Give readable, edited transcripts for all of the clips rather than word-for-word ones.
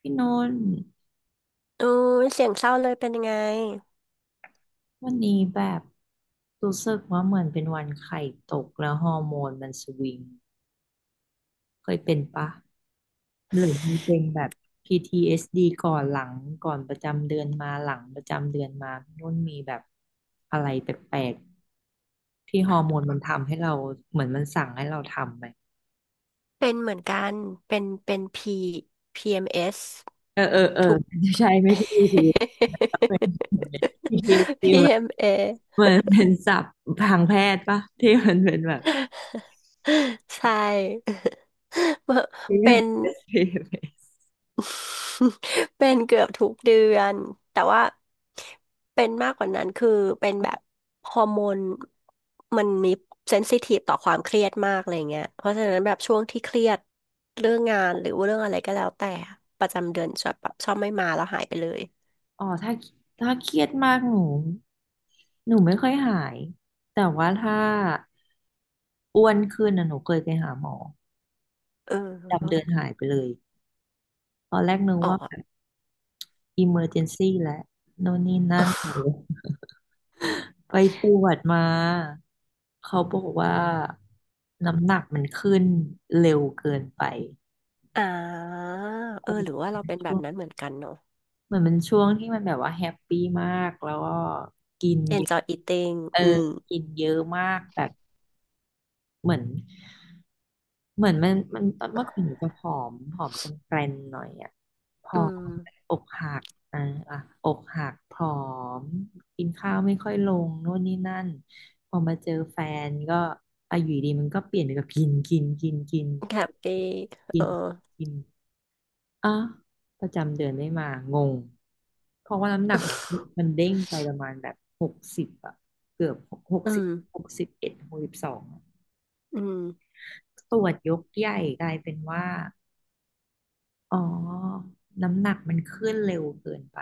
พี่นนท์โอ้ยเสียงเศร้าเลยเป็นยังไงวันนี้แบบรู้สึกว่าเหมือนเป็นวันไข่ตกแล้วฮอร์โมนมันสวิงเคยเป็นปะหรือมีเป็นแบบ PTSD ก่อนหลังก่อนประจำเดือนมาหลังประจำเดือนมาพี่นุ่นมีแบบอะไรแปลกๆที่ฮอร์โมนมันทำให้เราเหมือนมันสั่งให้เราทำไหมเป็นเหมือนกันเป็น P PMS เออเออเออทุก ใช่ไม่ใช่ PTSD เอส ดีเหมือน PMA เหมือนเป็นศัพท์ทางแพทย์ปะที่มันเป็นแบบ ใช่ เป็น PTSD เป็นเกือบทุกเดือนแต่ว่าเป็นมากกว่านั้นคือเป็นแบบฮอร์โมนมันมีเซนซิทีฟต่อความเครียดมากอะไรเงี้ยเพราะฉะนั้นแบบช่วงที่เครียดเรื่องงานหรือว่าเรื่องอะไรก็แล้วแต่ประจำเดือนชอบแบบชอบไม่มาแล้วหายไปเลยอ๋อถ้าเครียดมากหนูไม่ค่อยหายแต่ว่าถ้าอ้วนขึ้นนะหนูเคยไปหาหมอเอดำเดินอหายไปเลยตอนแรกนึกอ๋ว่าอ แบบอิเมอร์เจนซี่แหละโน่นนี่นั่น ไปตรวจมาเขาบอกว่าน้ำหนักมันขึ้นเร็วเกินไปอ่าเออหแตรือว่าเรา่เป็นแบช่บวงนั้นเหมือนกันเนาะ เหมือนมันช่วงที่มันแบบว่าแฮปปี้มากแล้วก็กินเยอะ enjoy eating เอออืมกินเยอะมากแบบเหมือน มันตอนเมื่อก่อนหนูจะผอมผอมกลมแกลนหน่อยอ่ะผออืม มอกหักอ่าอ่ะอกหักผอมกินข้าวไม่ค่อยลงโน่นนี่นั่นพอมาเจอแฟนก็อายุดีมันก็เปลี่ยนไปกับกินกินกินกิน happy กิเออ นกินอ่ะประจำเดือนไม่มางงเพราะว่าน้ำหนักมันเด้งไปประมาณแบบหกสิบอ่ะเกือบหก อืสิบม6162อืมตรวจยกใหญ่กลายเป็นว่า อ๋อน้ำหนักมันขึ้นเร็วเกินไป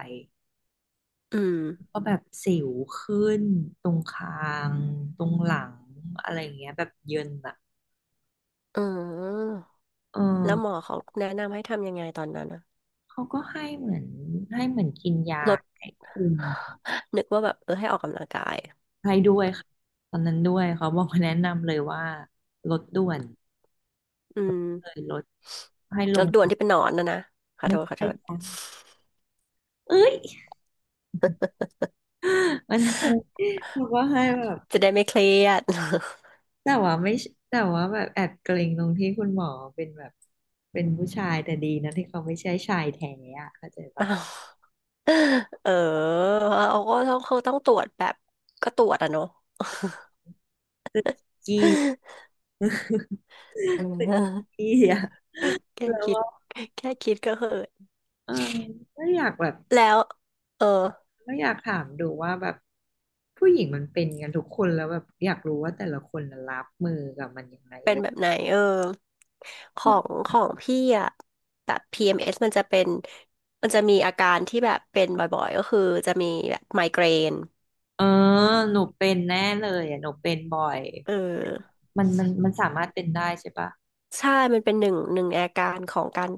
อืม ก็แบบสิวขึ้นตรงคางตรงหลังอะไรอย่างเงี้ยแบบเยินอะอืมเออแล้วหมอเขาแนะนำให้ทำยังไงตอนนั้นอะเขาก็ให้เหมือนให้เหมือนกินยาลดให้คุมนึกว่าแบบเออให้ออกกำลังกายให้ด้วยค่ะตอนนั้นด้วยเขาบอกแนะนำเลยว่าลดด่วนอืมเลยลดให้ลแลงดด่วนที่เป็นหนอนนะนะขอโทไม่ษขอใช่โทษจ้ะเอ้ย มันให้ บอกว่าให้แบบ จะได้ไม่เครียด แต่ว่าไม่ใช่แต่ว่าแบบแอบเกรงตรงที่คุณหมอเป็นแบบเป็นผู้ชายแต่ดีนะที่เขาไม่ใช่ชายแท้อะเข้าใจอ้าปะวเออเขาต้องตรวจแบบก็ตรวจอะเนาะ ตึกกี้ เอ ตึกอกี้อะแค่แล้วคิดว่าแค่คิดก็เหอะเออก็อยากแบบแล้วเออ ก็อยากถามดูว่าแบบผู้หญิงมันเป็นกันทุกคนแล้วแบบอยากรู้ว่าแต่ละคนน่ะรับมือกับมันยังไงเป็นเว้ยแบบไหนเออของพี่อะแบบ PMS มเอสมันจะเป็นมันจะมีอาการที่แบบเป็นบ่อยๆก็คือจะมีแบบไมเกรนเออหนูเป็นแน่เลยอะหนูเป็นบ่อยเออมันสามารถเป็นได้ใช่ปะใช่มันเป็นหนึ่งในอาการของการ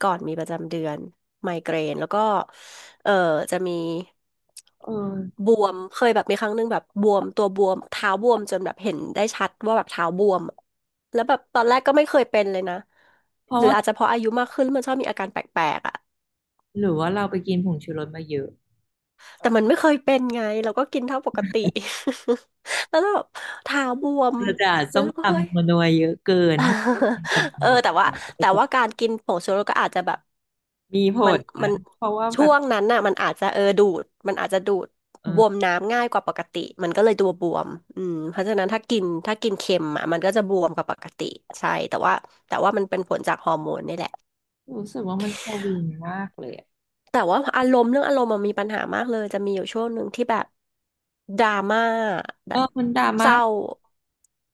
ก่อนมีประจำเดือนไมเกรนแล้วก็เออจะมีเออบวมเคยแบบมีครั้งหนึ่งแบบบวมตัวบวมเท้าบวมจนแบบเห็นได้ชัดว่าแบบเท้าบวมอะแล้วแบบตอนแรกก็ไม่เคยเป็นเลยนะเพหราะรือว่าอาจจะเพราะอายุมากขึ้นมันชอบมีอาการแปลกๆอ่ะ หรือว่าเราไปกินผงชูรสมาเยอะ แต่มันไม่เคยเป็นไงเราก็กินเท่าปกติ แล้วแบบเท้าบวมเรือจะแล้ส้วมเราตก็เฮ้ย ำนัวๆเยอะเกินเพราะว่าเป็นจังห เออวะแต่ว่าเนี่ยก็แต่จะว่าการกินผงชูรสก็อาจจะแบบมีผมันลนะมันเพราะว่าแบช่บวงนั้นน่ะมันอาจจะเออดูดมันอาจจะดูดเอบอวมน้ำง่ายกว่าปกติมันก็เลยตัวบวมอืมเพราะฉะนั้นถ้ากินเค็มอ่ะมันก็จะบวมกว่าปกติใช่แต่ว่าแต่ว่ามันเป็นผลจากฮอร์โมนนี่แหละ รู้สึกว่ามันาวินมากเลยอะแต่ว่าอารมณ์เรื่องอารมณ์มันมีปัญหามากเลยจะมีอยู่ช่วงหนึ่งที่แบบดราม่าแบเออบมันดราเศม่าร้า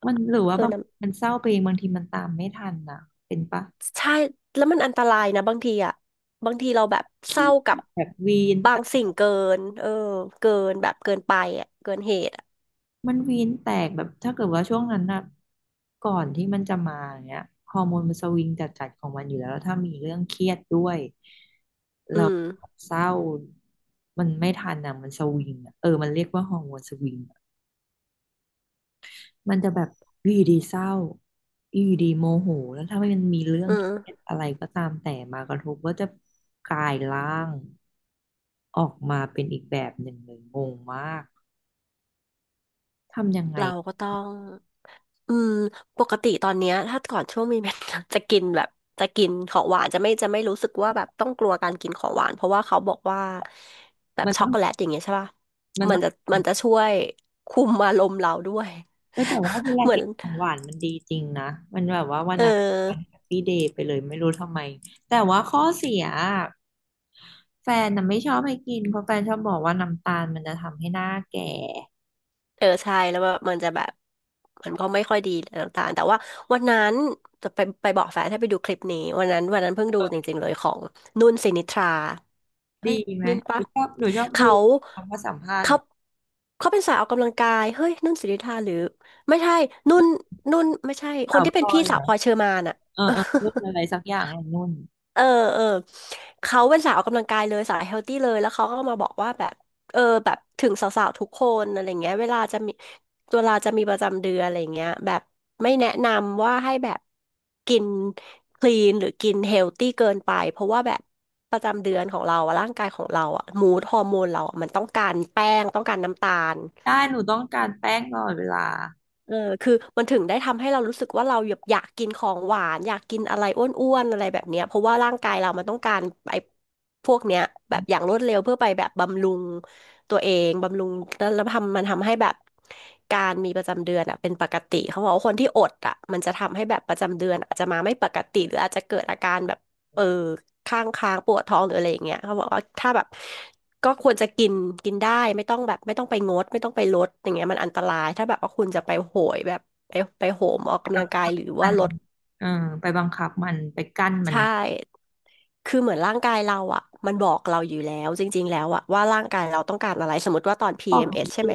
มันหรือเอว่าอบางนะมันเศร้าไปเองบางทีมันตามไม่ทันนะเป็นปะใช่แล้วมันอันตรายนะบางทีอ่ะบางทีเราแบบเคเศรียร้ากับดแบบวีน บางสิ่งเกินเออเกินแบบเกินไปอ่ะเกินเหตุอ่ะมันวีนแตกแบบถ้าเกิดว่าช่วงนั้นนะก่อนที่มันจะมาอย่างเงี้ยฮอร์โมนมันสวิงจัดๆของมันอยู่แล้วแล้วถ้ามีเรื่องเครียดด้วยอืเรามเศร้ามันไม่ทันอ่ะมันสวิงอะเออมันเรียกว่าฮอร์โมนสวิงอะมันจะแบบอยู่ดีๆเศร้าอยู่ดีๆโมโหแล้วถ้ามันมีเรื่องอืเครียดมอะไรก็ตามแต่มากระทบก็จะกลายร่างออกมาเป็นอีกแบบหนึ่งเลยงงมากทำยังไงเราก็ต้อง อืมปกติตอนเนี้ยถ้าก่อนช่วงมีเมน จะกินแบบจะกินของหวานจะไม่รู้สึกว่าแบบต้องกลัวการกินของหวานเพราะว่าเขาบอกว่าแบบมันช็อต้กองโกแลตอย่างเงี้ยใช่ป่ะมันมันต้อง จะมันจะช่วยคุมอารมณ์เราด้วย เออแต่ว่าเว ลาเหมือกินนของหวานมันดีจริงนะมันแบบว่าวันเออนั้นวันแฮปปี้เดย์ไปเลยไม่รู้ทำไมแต่ว่าข้อเสียอะแฟนน่ะไม่ชอบให้กินเพราะแฟนชอบบอกว่าน้ำตาลมันจะทำให้หน้าแก่เออใช่แล้วแบบมันจะแบบมันก็ไม่ค่อยดีต่างๆแต่ว่าวันนั้นจะไปบอกแฟนให้ไปดูคลิปนี้วันนั้นวันนั้นเพิ่งดูจริงๆเลยของนุ่นสินิทรา เฮ้ดียไหมนุ่นหปะนูชอบหนูชอบดูเขาคำว่าสัมภาษณ์เหเขามือนเขาเป็นสายออกกำลังกายเฮ้ยนุ่นสิริธาหรือไม่ใช่นุ่นนุ่นไม่ใช่คสานวที่พเป็ลนอพี่ยเหสารวอพลอยเชอร์มานอะ เออ เออพูดอะไรสักอย่างไอ้นุ่นเออเออเขาเป็นสาวออกกำลังกายเลยสายเฮลตี้เลยแล้วเขาก็มาบอกว่าแบบเออแบบถึงสาวๆทุกคนอะไรเงี้ยเวลาจะมีประจำเดือนอะไรเงี้ยแบบไม่แนะนำว่าให้แบบกินคลีนหรือกินเฮลตี้เกินไปเพราะว่าแบบประจำเดือนของเราอะร่างกายของเราอะมูดฮอร์โมนเราอะมันต้องการแป้งต้องการน้ำตาล ได้หนูต้องการแป้งตลอดเวลาเออคือมันถึงได้ทำให้เรารู้สึกว่าเราอยากอยากกินของหวานอยากกินอะไรอ้วนๆอะไรแบบเนี้ยเพราะว่าร่างกายเรามันต้องการไอ้พวกเนี้ยแบบอย่างรวดเร็วเพื่อไปแบบบำรุงตัวเองบำรุงแล้วแล้วทำมันทำให้แบบการมีประจำเดือนอ่ะเป็นปกติเขาบอกว่าคนที่อดอ่ะมันจะทำให้แบบประจำเดือนอาจจะมาไม่ปกติหรืออาจจะเกิดอาการแบบเออข้างค้างปวดท้องหรืออะไรอย่างเงี้ยเขาบอกว่าถ้าแบบ ก็ควรจะกินกินได้ไม่ต้องแบบไม่ต้องไปงดไม่ต้องไปลดอย่างเงี้ยมันอันตรายถ้าแบบว่าคุณจะไปโหยแบบไปไปโหมออกไปกำบัลังงคับกายหรือมัว่านลดเออไปบังคับมันไปกั้นมันใช่คือเหมือนร่างกายเราอ่ะมันบอกเราอยู่แล้วจริงๆแล้วอ่ะว่าร่างกายเราต้องการอะไรสมมติว่าตอน บอกจ PMS ใช่ริ ไหม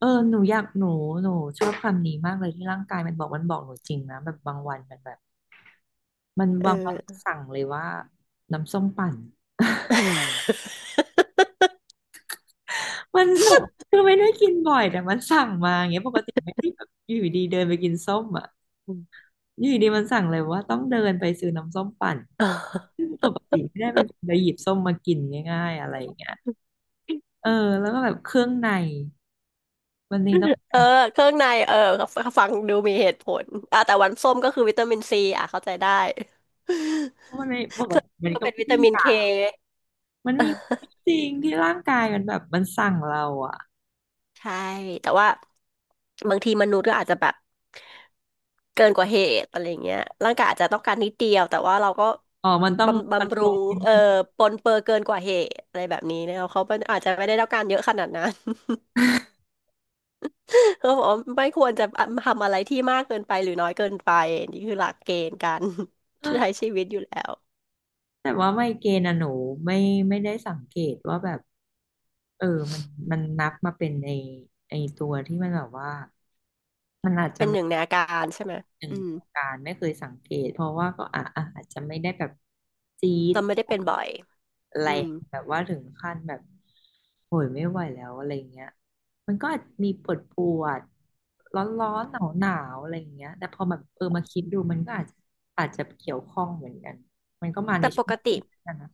เออหนูอยากหนูหนูชอบคำนี้มากเลยที่ร่างกายมันบอกมันบอกหนูจริงนะแบบบางวันมันแบบมันเอบางวันอ สั่งเลยว่าน้ำส้มปั่นมันแบบคือไม่ได้กินบ่อยแต่มันสั่งมาอย่างเงี้ยปกติไม่ได้แบบอยู่ดีๆเดินไปกินส้มอ่ะอยู่ดีๆมันสั่งเลยว่าต้องเดินไปซื้อน้ำส้มปั่นซึ่งปกติไม่ได้เป็นคนไปหยิบส้มมากินง่ายๆอะไรอย่างเงี้ยเออแล้วก็แบบเครื่องในวันนี้ต้อ เอองเครื่องในเออฟังดูมีเหตุผลอ่ะแต่วันส้มก็คือวิตามินซีอ่ะเข้าใจได้ มันไม่ป กเครื่องติในมันก็ก็เป็นไม่วิได้ตามิอนยาเค กมันมี จริงที่ร่างกายมันแบบมันสั่งเราอ่ะ ใช่แต่ว่าบางทีมนุษย์ก็อาจจะแบบเกินกว่าเหตุอะไรเงี้ยร่างกายอาจจะต้องการนิดเดียวแต่ว่าเราก็อ๋อ มันต้องบำคอนบำโทรรุลงนิดนึง ปรนเปื้อเกินกว่าเหตุอะไรแบบนี้นะเขาเป็นอาจจะไม่ได้ต้องการเยอะขนาดนั้น เขาบอกว่าไม่ควรจะทำอะไรที่มากเกินไปหรือน้อยเกินไปนี่คือหลักเกณฑ์การ ใช้ ชีวิตอยู่แล้วแต่ว่าไมเกรนอะหนูไม่ไม่ได้สังเกตว่าแบบเออ มันนับมาเป็นไอตัวที่มันแบบว่ามันอาจจะ เป็นหนึ่งในอาการใช่ไหมหนึ่อืงมวงการไม่เคยสังเกตเพราะว่าก็อ่ะอะอาจจะไม่ได้แบบจี๊ดเราไม่ได้เป็นบ่อยแรอืงมแบบว่าถึงขั้นแบบโหยไม่ไหวแล้วอะไรเงี้ยมันก็อาจมีปวดปวดร้อนร้อนหนาวหนาวๆอะไรเงี้ยแต่พอแบบเออมาคิดดูมันก็อาจจะอาจจะเกี่ยวข้องเหมือนกันมันก็มาในแต่ปช่วงกติ ที่นั่นนะ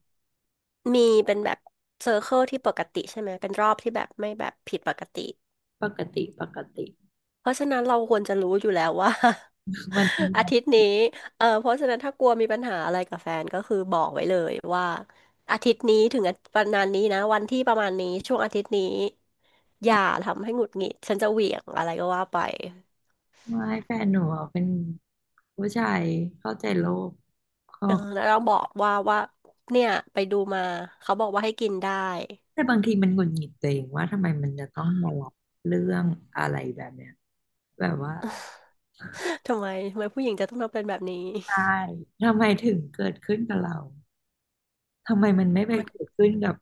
มีเป็นแบบเซอร์เคิลที่ปกติใช่ไหมเป็นรอบที่แบบไม่แบบผิดปกติปกติปกติ เพราะฉะนั้นเราควรจะรู้อยู่แล้วว่า มัน ร้อาอนทิตย์นี้เออเพราะฉะนั้นถ้ากลัวมีปัญหาอะไรกับแฟนก็คือบอกไว้เลยว่าอาทิตย์นี้ถึงประมาณนี้นะวันที่ประมาณนี้ช่วงอาทิตย์นี้อมาย่าทำให้หงุดหงิดฉันจะเหวี่ยงอะไรก็ว่าไปไม่แฟนหนูอะเป็นผู้ชายเข้าใจโลกก็ เออแล้วเราบอกว่าเนี่ยไปดูมาเขาบอกว่าให้กินได้ แต่บางทีมันหงุดหงิดตัวเองว่าทำไมมันจะต้องมารับเรื่องอะไรแบบเนี้ยแบบว่า ทำไมทำไมผู้หญิงจะต้องทำเป็นแบบนี้ใช่ทำไมถึงเกิดขึ้นกับเราทำไมมันไม่ไปมัน เกิดขึ้นกับ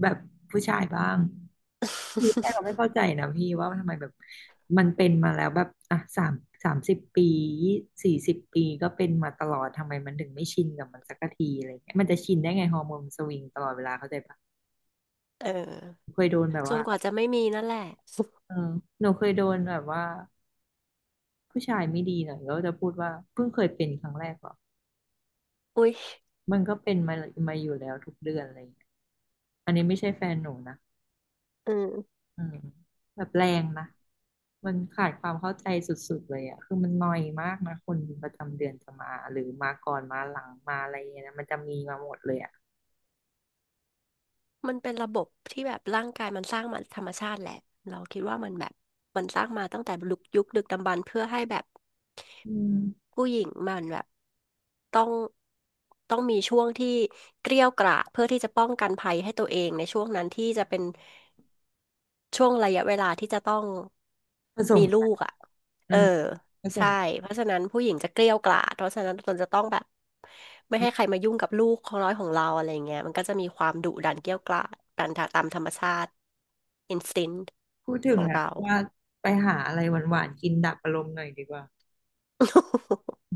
แบบผู้ชายบ้างคือแค่เราไม่ เข้าใจนะพี่ว่าทำไมแบบมันเป็นมาแล้วแบบอ่ะ30 ปี40 ปีก็เป็นมาตลอดทำไมมันถึงไม่ชินกับมันสักทีอะไรเงี้ยมันจะชินได้ไงฮอร์โมนสวิงตลอดเวลาเข้าใจปะเออเคยโดนแบบจนว่ากว่าจะไม่มีนั่นแหละเออหนูเคยโดนแบบว่า ผู้ชายไม่ดีหน่อยก็จะพูดว่าเพิ่งเคยเป็นครั้งแรกเหรออุ๊ยมันก็เป็นมาอยู่แล้วทุกเดือนอะไรอย่างเงี้ยอันนี้ไม่ใช่แฟนหนูนะอืมอืมแบบแรงนะมันขาดความเข้าใจสุดๆเลยอะคือมันนอยมากนะคนประจำเดือนจะมาหรือมาก่อนมาหลังมาอะไรอย่างเงี้ยนะมันจะมีมาหมดเลยอะมันเป็นระบบที่แบบร่างกายมันสร้างมาธรรมชาติแหละเราคิดว่ามันแบบมันสร้างมาตั้งแต่ยุคดึกดำบรรพ์เพื่อให้แบบอืมผู้หญิงมันแบบต้องต้องมีช่วงที่เกรี้ยวกราดเพื่อที่จะป้องกันภัยให้ตัวเองในช่วงนั้นที่จะเป็น ช่วงระยะเวลาที่จะต้องผสมีมลูกันกอ่ะ อืเออมผสใช่มเพราะฉะนั้นผู้หญิงจะเกรี้ยวกล่อมเพราะฉะนั้นตนจะต้องแบบไม่ให้ใครมายุ่งกับลูกของน้อยของเราอะไรเงี้ยมันก็จะมีความดุดันเกรี้ยวกล่อมดันตามธรรมชาติ instinct พูดถึขงองแล้วเรา ว่าไปหาอะไรหวานๆกินดับอารมณ์หน่อยดีกว่า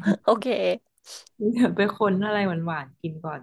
โอเค เดี๋ยวไปค้นอะไรหวานๆกินก่อน